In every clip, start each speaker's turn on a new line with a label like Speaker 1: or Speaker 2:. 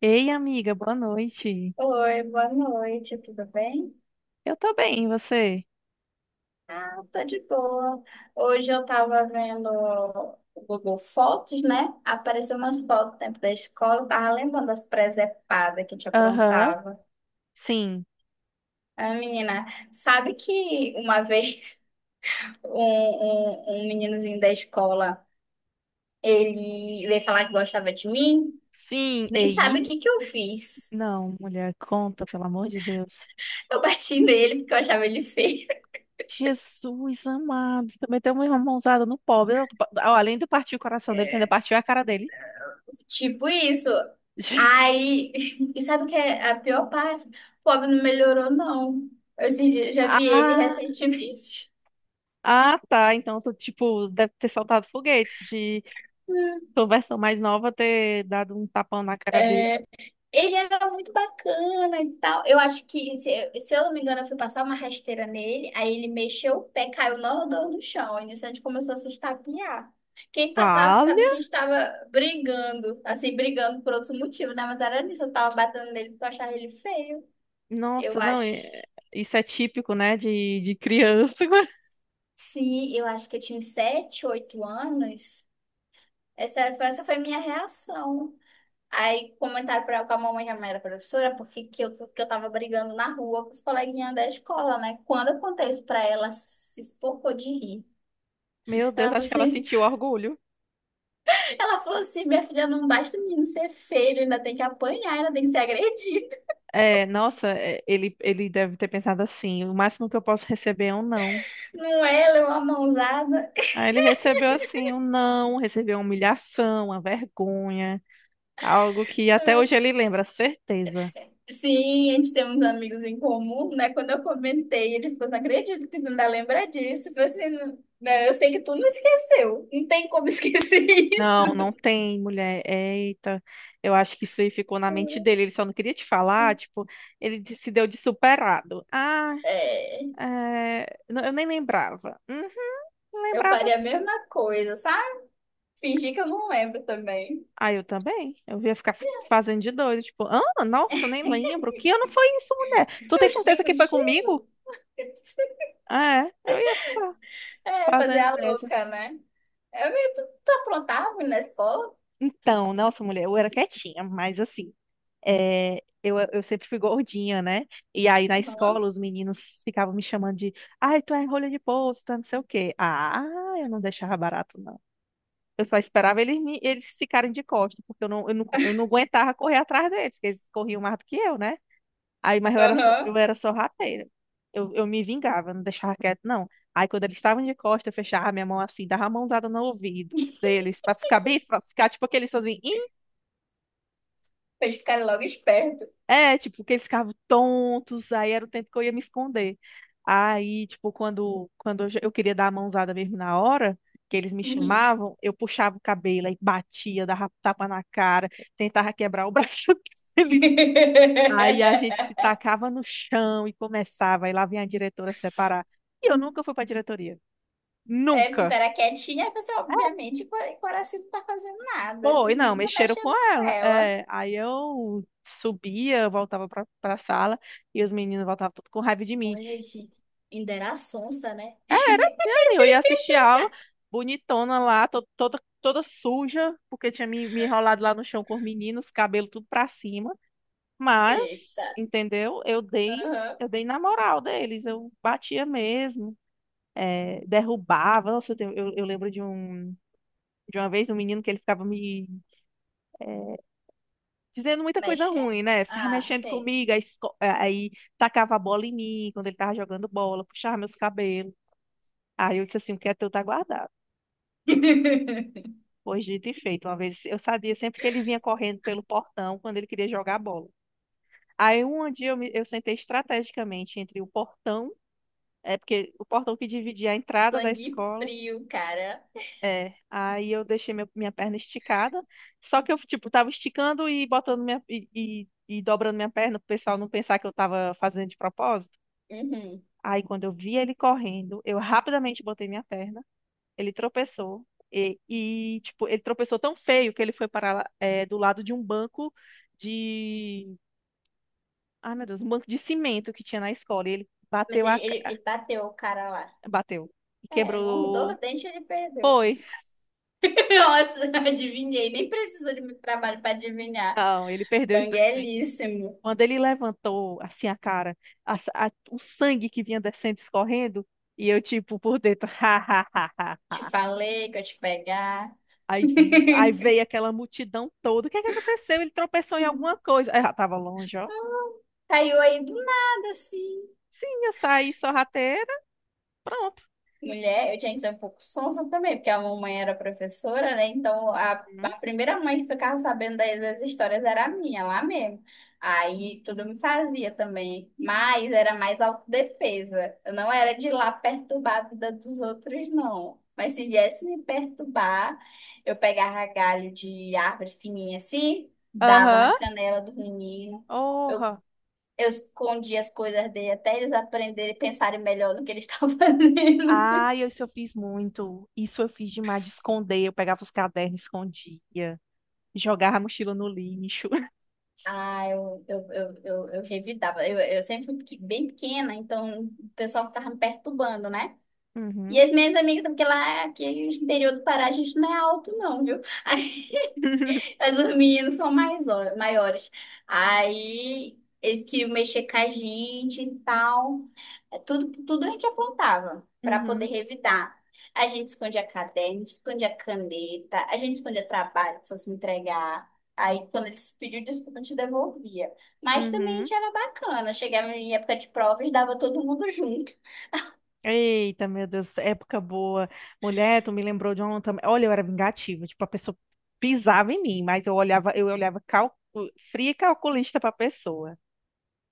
Speaker 1: Ei, amiga, boa noite.
Speaker 2: Oi, boa noite, tudo bem?
Speaker 1: Eu tô bem, e você?
Speaker 2: Eu tô de boa. Hoje eu tava vendo o Google Fotos, né? Apareceu umas fotos do tempo da escola, eu tava lembrando das presepadas que a gente
Speaker 1: Aham,
Speaker 2: aprontava.
Speaker 1: sim.
Speaker 2: Ah, menina, sabe que uma vez um meninozinho da escola, ele veio falar que gostava de mim?
Speaker 1: Sim,
Speaker 2: Nem
Speaker 1: ei?
Speaker 2: sabe o que que eu fiz.
Speaker 1: Não, mulher, conta, pelo amor de Deus.
Speaker 2: Eu bati nele porque eu achava ele feio.
Speaker 1: Jesus amado, também tem uma mãozada no pobre. Além de partir o coração dele, ainda partiu a cara dele.
Speaker 2: Tipo isso.
Speaker 1: Jesus.
Speaker 2: Aí, e sabe o que é a pior parte? O pobre não melhorou, não. Eu já já vi ele
Speaker 1: Ah,
Speaker 2: recentemente.
Speaker 1: ah, tá. Então, tu, tipo, deve ter soltado foguetes de tua versão mais nova ter dado um tapão na cara dele.
Speaker 2: É, ele era muito bacana e tal. Eu acho que, se eu não me engano, eu fui passar uma rasteira nele, aí ele mexeu o pé, caiu no chão. E nisso a gente começou a se estapear. Quem passava
Speaker 1: Vale?
Speaker 2: sabe que a gente estava brigando, assim, brigando por outro motivo, né? Mas era nisso, eu tava batendo nele porque eu achava ele feio. Eu
Speaker 1: Nossa, não,
Speaker 2: acho.
Speaker 1: é- Isso é típico, né, de criança.
Speaker 2: Sim, eu acho que eu tinha uns sete, oito anos. Essa foi minha reação. Aí comentaram pra, com a mamãe, que a mãe era professora, porque que eu tava brigando na rua com os coleguinhas da escola, né? Quando eu contei isso pra ela, ela se espocou de rir.
Speaker 1: Meu Deus,
Speaker 2: Ela falou
Speaker 1: acho que ela
Speaker 2: assim,
Speaker 1: sentiu orgulho.
Speaker 2: ela falou assim, minha filha, não basta o menino ser feio, ele ainda tem que apanhar, ainda tem que ser agredido.
Speaker 1: É, nossa, é, ele deve ter pensado assim: o máximo que eu posso receber é um não.
Speaker 2: Não é, ela é uma mãozada.
Speaker 1: Aí ele recebeu assim um não, recebeu uma humilhação, uma vergonha, algo que até hoje ele lembra, certeza.
Speaker 2: Sim, a gente tem uns amigos em comum, né? Quando eu comentei, ele ficou, não acredito que tu ainda lembra disso. Eu falei assim, "Não, né, eu sei que tu não esqueceu. Não tem como esquecer
Speaker 1: Não, não
Speaker 2: isso.
Speaker 1: tem mulher. Eita, eu acho que isso aí ficou na mente dele. Ele só não queria te falar, tipo, se deu de superado. Ah,
Speaker 2: É,
Speaker 1: é, não, eu nem lembrava. Uhum,
Speaker 2: eu
Speaker 1: lembrava
Speaker 2: faria a
Speaker 1: sim.
Speaker 2: mesma coisa, sabe? Fingir que eu não lembro também.
Speaker 1: Ah, eu também. Eu ia ficar fazendo de doido. Tipo, ah, nossa, eu nem lembro. Que ano foi isso, mulher? Tu
Speaker 2: Eu
Speaker 1: tem
Speaker 2: estudei
Speaker 1: certeza que foi
Speaker 2: contigo.
Speaker 1: comigo? Ah, é. Eu ia ficar
Speaker 2: É, fazer
Speaker 1: fazendo
Speaker 2: a
Speaker 1: dessas.
Speaker 2: louca, né? Tu aprontava na escola?
Speaker 1: Então, nossa, mulher, eu era quietinha, mas assim, eu sempre fui gordinha, né? E aí na
Speaker 2: Aham.
Speaker 1: escola os meninos ficavam me chamando de, ai, tu é rolha de poço, tu é não sei o quê. Ah, eu não deixava barato, não. Eu só esperava eles ficarem de costas, porque eu não aguentava correr atrás deles, porque eles corriam mais do que eu, né? Aí, mas
Speaker 2: Aham.
Speaker 1: eu era só rateira. Eu me vingava, não deixava quieto, não. Aí, quando eles estavam de costa, eu fechava a minha mão assim, dava a mãozada no ouvido deles, pra ficar bem, pra ficar tipo aqueles sozinhos. "Ih".
Speaker 2: Pra eles ficarem logo espertos.
Speaker 1: É, tipo, que eles ficavam tontos, aí era o tempo que eu ia me esconder. Aí, tipo, eu queria dar a mãozada mesmo na hora, que eles me
Speaker 2: Uhum.
Speaker 1: chamavam, eu puxava o cabelo aí batia, dava tapa na cara, tentava quebrar o braço deles. Aí a gente se tacava no chão e começava, e lá vinha a diretora separar. E eu nunca fui pra diretoria.
Speaker 2: É, porque
Speaker 1: Nunca.
Speaker 2: era quietinha, a pessoa, obviamente, o coração não tá fazendo nada.
Speaker 1: Foi,
Speaker 2: Esses
Speaker 1: não,
Speaker 2: meninos estão
Speaker 1: mexeram com
Speaker 2: mexendo com
Speaker 1: ela.
Speaker 2: ela.
Speaker 1: É, aí eu subia, voltava pra sala, e os meninos voltavam tudo com raiva de mim.
Speaker 2: Olha, gente, ainda era sonsa, né?
Speaker 1: É, eu ia assistir a aula, bonitona lá, toda suja, porque tinha me enrolado lá no chão com os meninos, cabelo tudo pra cima.
Speaker 2: Eita.
Speaker 1: Mas, entendeu?
Speaker 2: Aham.
Speaker 1: Eu dei na moral deles, eu batia mesmo. É, derrubava. Nossa, eu lembro de uma vez um menino que ele ficava me é, dizendo muita coisa
Speaker 2: Mexe?
Speaker 1: ruim, né? Ficava
Speaker 2: Ah,
Speaker 1: mexendo
Speaker 2: sei.
Speaker 1: comigo, aí tacava a bola em mim quando ele tava jogando bola, puxava meus cabelos. Aí eu disse assim: o que é teu tá guardado. Pois dito e feito. Uma vez eu sabia sempre que ele vinha correndo pelo portão quando ele queria jogar bola. Aí um dia eu sentei estrategicamente entre o portão, é porque o portão que dividia a entrada da
Speaker 2: Sangue
Speaker 1: escola.
Speaker 2: frio, cara.
Speaker 1: É, aí minha perna esticada, só que eu, tipo, tava esticando e botando minha, e dobrando minha perna pro pessoal não pensar que eu tava fazendo de propósito.
Speaker 2: Uhum.
Speaker 1: Aí quando eu vi ele correndo, eu rapidamente botei minha perna, ele tropeçou, e tipo, ele tropeçou tão feio que ele foi parar, lá, é, do lado de um banco de... Ai, meu Deus, um banco de cimento que tinha na escola, e ele
Speaker 2: Mas
Speaker 1: bateu
Speaker 2: ele, ele, ele bateu o cara lá.
Speaker 1: bateu, e
Speaker 2: É, um dor
Speaker 1: quebrou...
Speaker 2: dente e ele perdeu.
Speaker 1: Foi,
Speaker 2: Nossa, adivinhei. Nem precisou de muito trabalho pra adivinhar.
Speaker 1: não, ele perdeu os dois dentes.
Speaker 2: Banguelíssimo.
Speaker 1: Quando ele levantou assim a cara, o sangue que vinha descendo, escorrendo, e eu tipo por dentro, ha, ha, ha,
Speaker 2: Te
Speaker 1: ha.
Speaker 2: falei que eu ia te pegar.
Speaker 1: Aí, aí veio aquela multidão toda. O que é que aconteceu? Ele tropeçou em alguma coisa. Aí já tava longe, ó.
Speaker 2: Caiu aí do nada, assim.
Speaker 1: Sim, eu saí sorrateira, pronto.
Speaker 2: Mulher, eu tinha que ser um pouco sonsa também, porque a mamãe era professora, né? Então, a
Speaker 1: Uhum.
Speaker 2: primeira mãe que ficava sabendo das, das histórias era a minha, lá mesmo. Aí, tudo me fazia também. Mas era mais autodefesa. Eu não era de ir lá perturbar a vida dos outros, não. Mas se viesse me perturbar, eu pegava galho de árvore fininha assim, dava na
Speaker 1: Aham.
Speaker 2: canela do menino. Eu
Speaker 1: Porra.
Speaker 2: Eu escondi as coisas dele até eles aprenderem e pensarem melhor no que eles estavam fazendo.
Speaker 1: Ai, isso eu fiz muito. Isso eu fiz demais de esconder. Eu pegava os cadernos, escondia. Jogava a mochila no lixo.
Speaker 2: Ah, eu revidava. Eu sempre fui bem pequena, então o pessoal ficava me perturbando, né? E
Speaker 1: Uhum.
Speaker 2: as minhas amigas, porque lá aqui no interior do Pará a gente não é alto, não, viu? As os são mais, maiores. Aí eles queriam mexer com a gente e tal. É, Tudo a gente apontava para poder
Speaker 1: Uhum.
Speaker 2: revidar. A gente escondia caderno, escondia caneta, a gente escondia trabalho que fosse entregar. Aí, quando eles pediam desculpa, a gente devolvia. Mas também a
Speaker 1: Uhum.
Speaker 2: gente era bacana. Chegava em época de provas, dava todo mundo junto.
Speaker 1: Eita, meu Deus, época boa. Mulher, tu me lembrou de ontem. Olha, eu era vingativa, tipo, a pessoa pisava em mim, mas eu olhava calcu... fria e calculista pra pessoa.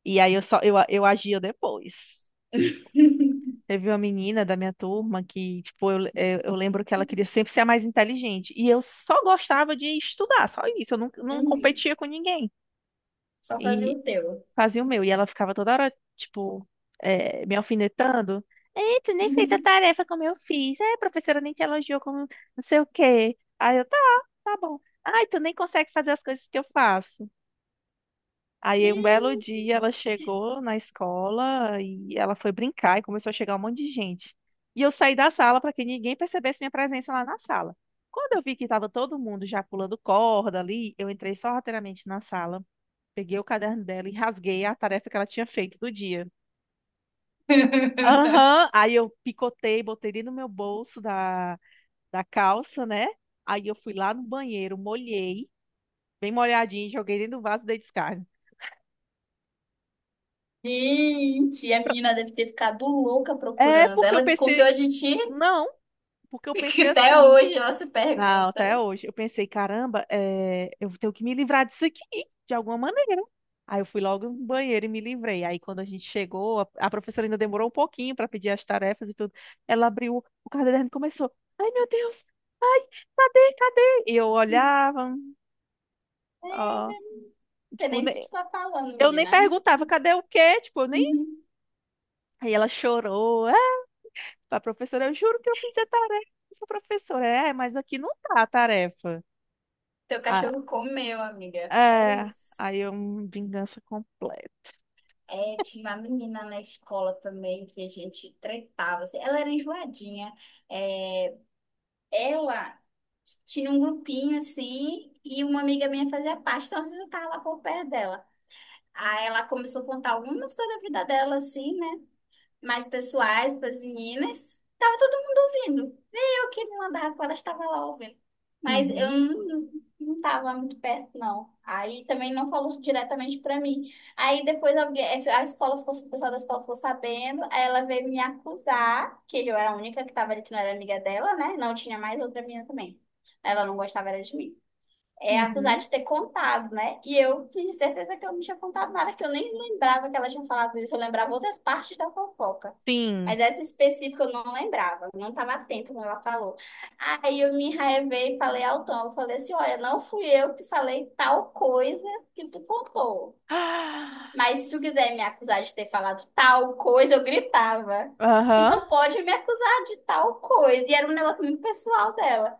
Speaker 1: E aí eu agia depois. Teve uma menina da minha turma que, tipo, eu lembro que ela queria sempre ser a mais inteligente. E eu só gostava de estudar, só isso. Eu não, não
Speaker 2: Uhum.
Speaker 1: competia com ninguém.
Speaker 2: Só fazia
Speaker 1: E
Speaker 2: o teu.
Speaker 1: fazia o meu. E ela ficava toda hora, tipo, me alfinetando. Ei, tu nem fez a
Speaker 2: Uhum.
Speaker 1: tarefa como eu fiz. É, a professora nem te elogiou como não sei o quê. Aí eu, tá, tá bom. Ai, tu nem consegue fazer as coisas que eu faço. Aí um belo dia ela chegou na escola e ela foi brincar e começou a chegar um monte de gente. E eu saí da sala para que ninguém percebesse minha presença lá na sala. Quando eu vi que estava todo mundo já pulando corda ali, eu entrei sorrateiramente na sala. Peguei o caderno dela e rasguei a tarefa que ela tinha feito do dia. Aham. Aí eu picotei, botei dentro do meu bolso da calça, né? Aí eu fui lá no banheiro, molhei, bem molhadinho, joguei dentro do vaso e dei descarga.
Speaker 2: Gente, a menina deve ter ficado louca
Speaker 1: É
Speaker 2: procurando.
Speaker 1: porque eu
Speaker 2: Ela
Speaker 1: pensei,
Speaker 2: desconfiou de ti,
Speaker 1: não, porque eu
Speaker 2: que
Speaker 1: pensei
Speaker 2: até
Speaker 1: assim,
Speaker 2: hoje ela se
Speaker 1: não,
Speaker 2: pergunta.
Speaker 1: até
Speaker 2: Não
Speaker 1: hoje. Eu pensei, caramba, é, eu tenho que me livrar disso aqui, de alguma maneira. Aí eu fui logo no banheiro e me livrei. Aí quando a gente chegou, a professora ainda demorou um pouquinho para pedir as tarefas e tudo. Ela abriu o caderno e começou. Ai, meu Deus! Ai, cadê? E eu olhava, ó,
Speaker 2: sei
Speaker 1: tipo,
Speaker 2: nem o que tu tá falando,
Speaker 1: eu nem
Speaker 2: menina.
Speaker 1: perguntava, cadê o quê? Tipo, eu nem.
Speaker 2: Uhum.
Speaker 1: Aí ela chorou. Ah, pra professora, eu juro que eu fiz a tarefa, professora. É, mas aqui não tá a tarefa.
Speaker 2: Teu cachorro comeu, amiga. É
Speaker 1: É,
Speaker 2: isso.
Speaker 1: aí é uma vingança completa.
Speaker 2: É, tinha uma menina na escola também que a gente tretava. Assim. Ela era enjoadinha. É, ela tinha um grupinho assim, e uma amiga minha fazia parte, então às vezes eu tava lá por perto dela. Aí ela começou a contar algumas coisas da vida dela, assim, né? Mais pessoais para as meninas. Tava todo mundo ouvindo. Nem eu que me mandava com elas estava lá ouvindo. Mas eu
Speaker 1: Uhum,
Speaker 2: não tava muito perto, não. Aí também não falou diretamente para mim. Aí depois alguém, a escola ficou, o pessoal da escola ficou sabendo, aí ela veio me acusar, que eu era a única que tava ali que não era amiga dela, né? Não tinha mais outra menina também. Ela não gostava era de mim é acusar
Speaker 1: uhum.
Speaker 2: de ter contado, né? E eu tinha certeza que eu não tinha contado nada, que eu nem lembrava que ela tinha falado isso. Eu lembrava outras partes da fofoca.
Speaker 1: Sim.
Speaker 2: Mas essa específica eu não lembrava, eu não estava atenta quando ela falou. Aí eu me enraivei e falei ao Tom, eu falei assim, olha, não fui eu que falei tal coisa que tu contou.
Speaker 1: Ah,
Speaker 2: Mas se tu quiser me acusar de ter falado tal coisa, eu gritava.
Speaker 1: Aham.
Speaker 2: Então pode me acusar de tal coisa. E era um negócio muito pessoal dela.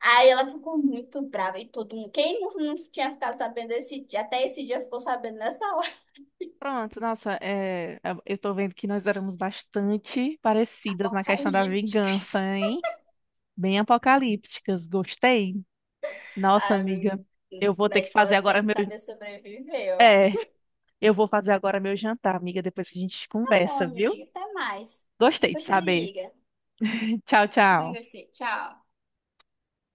Speaker 2: Aí ela ficou muito brava e todo mundo. Quem não tinha ficado sabendo esse dia, até esse dia ficou sabendo nessa hora
Speaker 1: Pronto, nossa, é, eu tô vendo que nós éramos bastante parecidas na questão da
Speaker 2: apocalíptica.
Speaker 1: vingança, hein? Bem apocalípticas, gostei. Nossa,
Speaker 2: Ai, meu-
Speaker 1: amiga, eu vou
Speaker 2: Na
Speaker 1: ter que
Speaker 2: escola
Speaker 1: fazer
Speaker 2: tem
Speaker 1: agora
Speaker 2: que
Speaker 1: meu.
Speaker 2: saber sobreviver, ó.
Speaker 1: É, eu vou fazer agora meu jantar, amiga, depois a gente
Speaker 2: Tá bom,
Speaker 1: conversa, viu?
Speaker 2: amiga. Até mais.
Speaker 1: Gostei de
Speaker 2: Depois me
Speaker 1: saber.
Speaker 2: liga.
Speaker 1: Tchau,
Speaker 2: Também
Speaker 1: tchau.
Speaker 2: gostei. Tchau.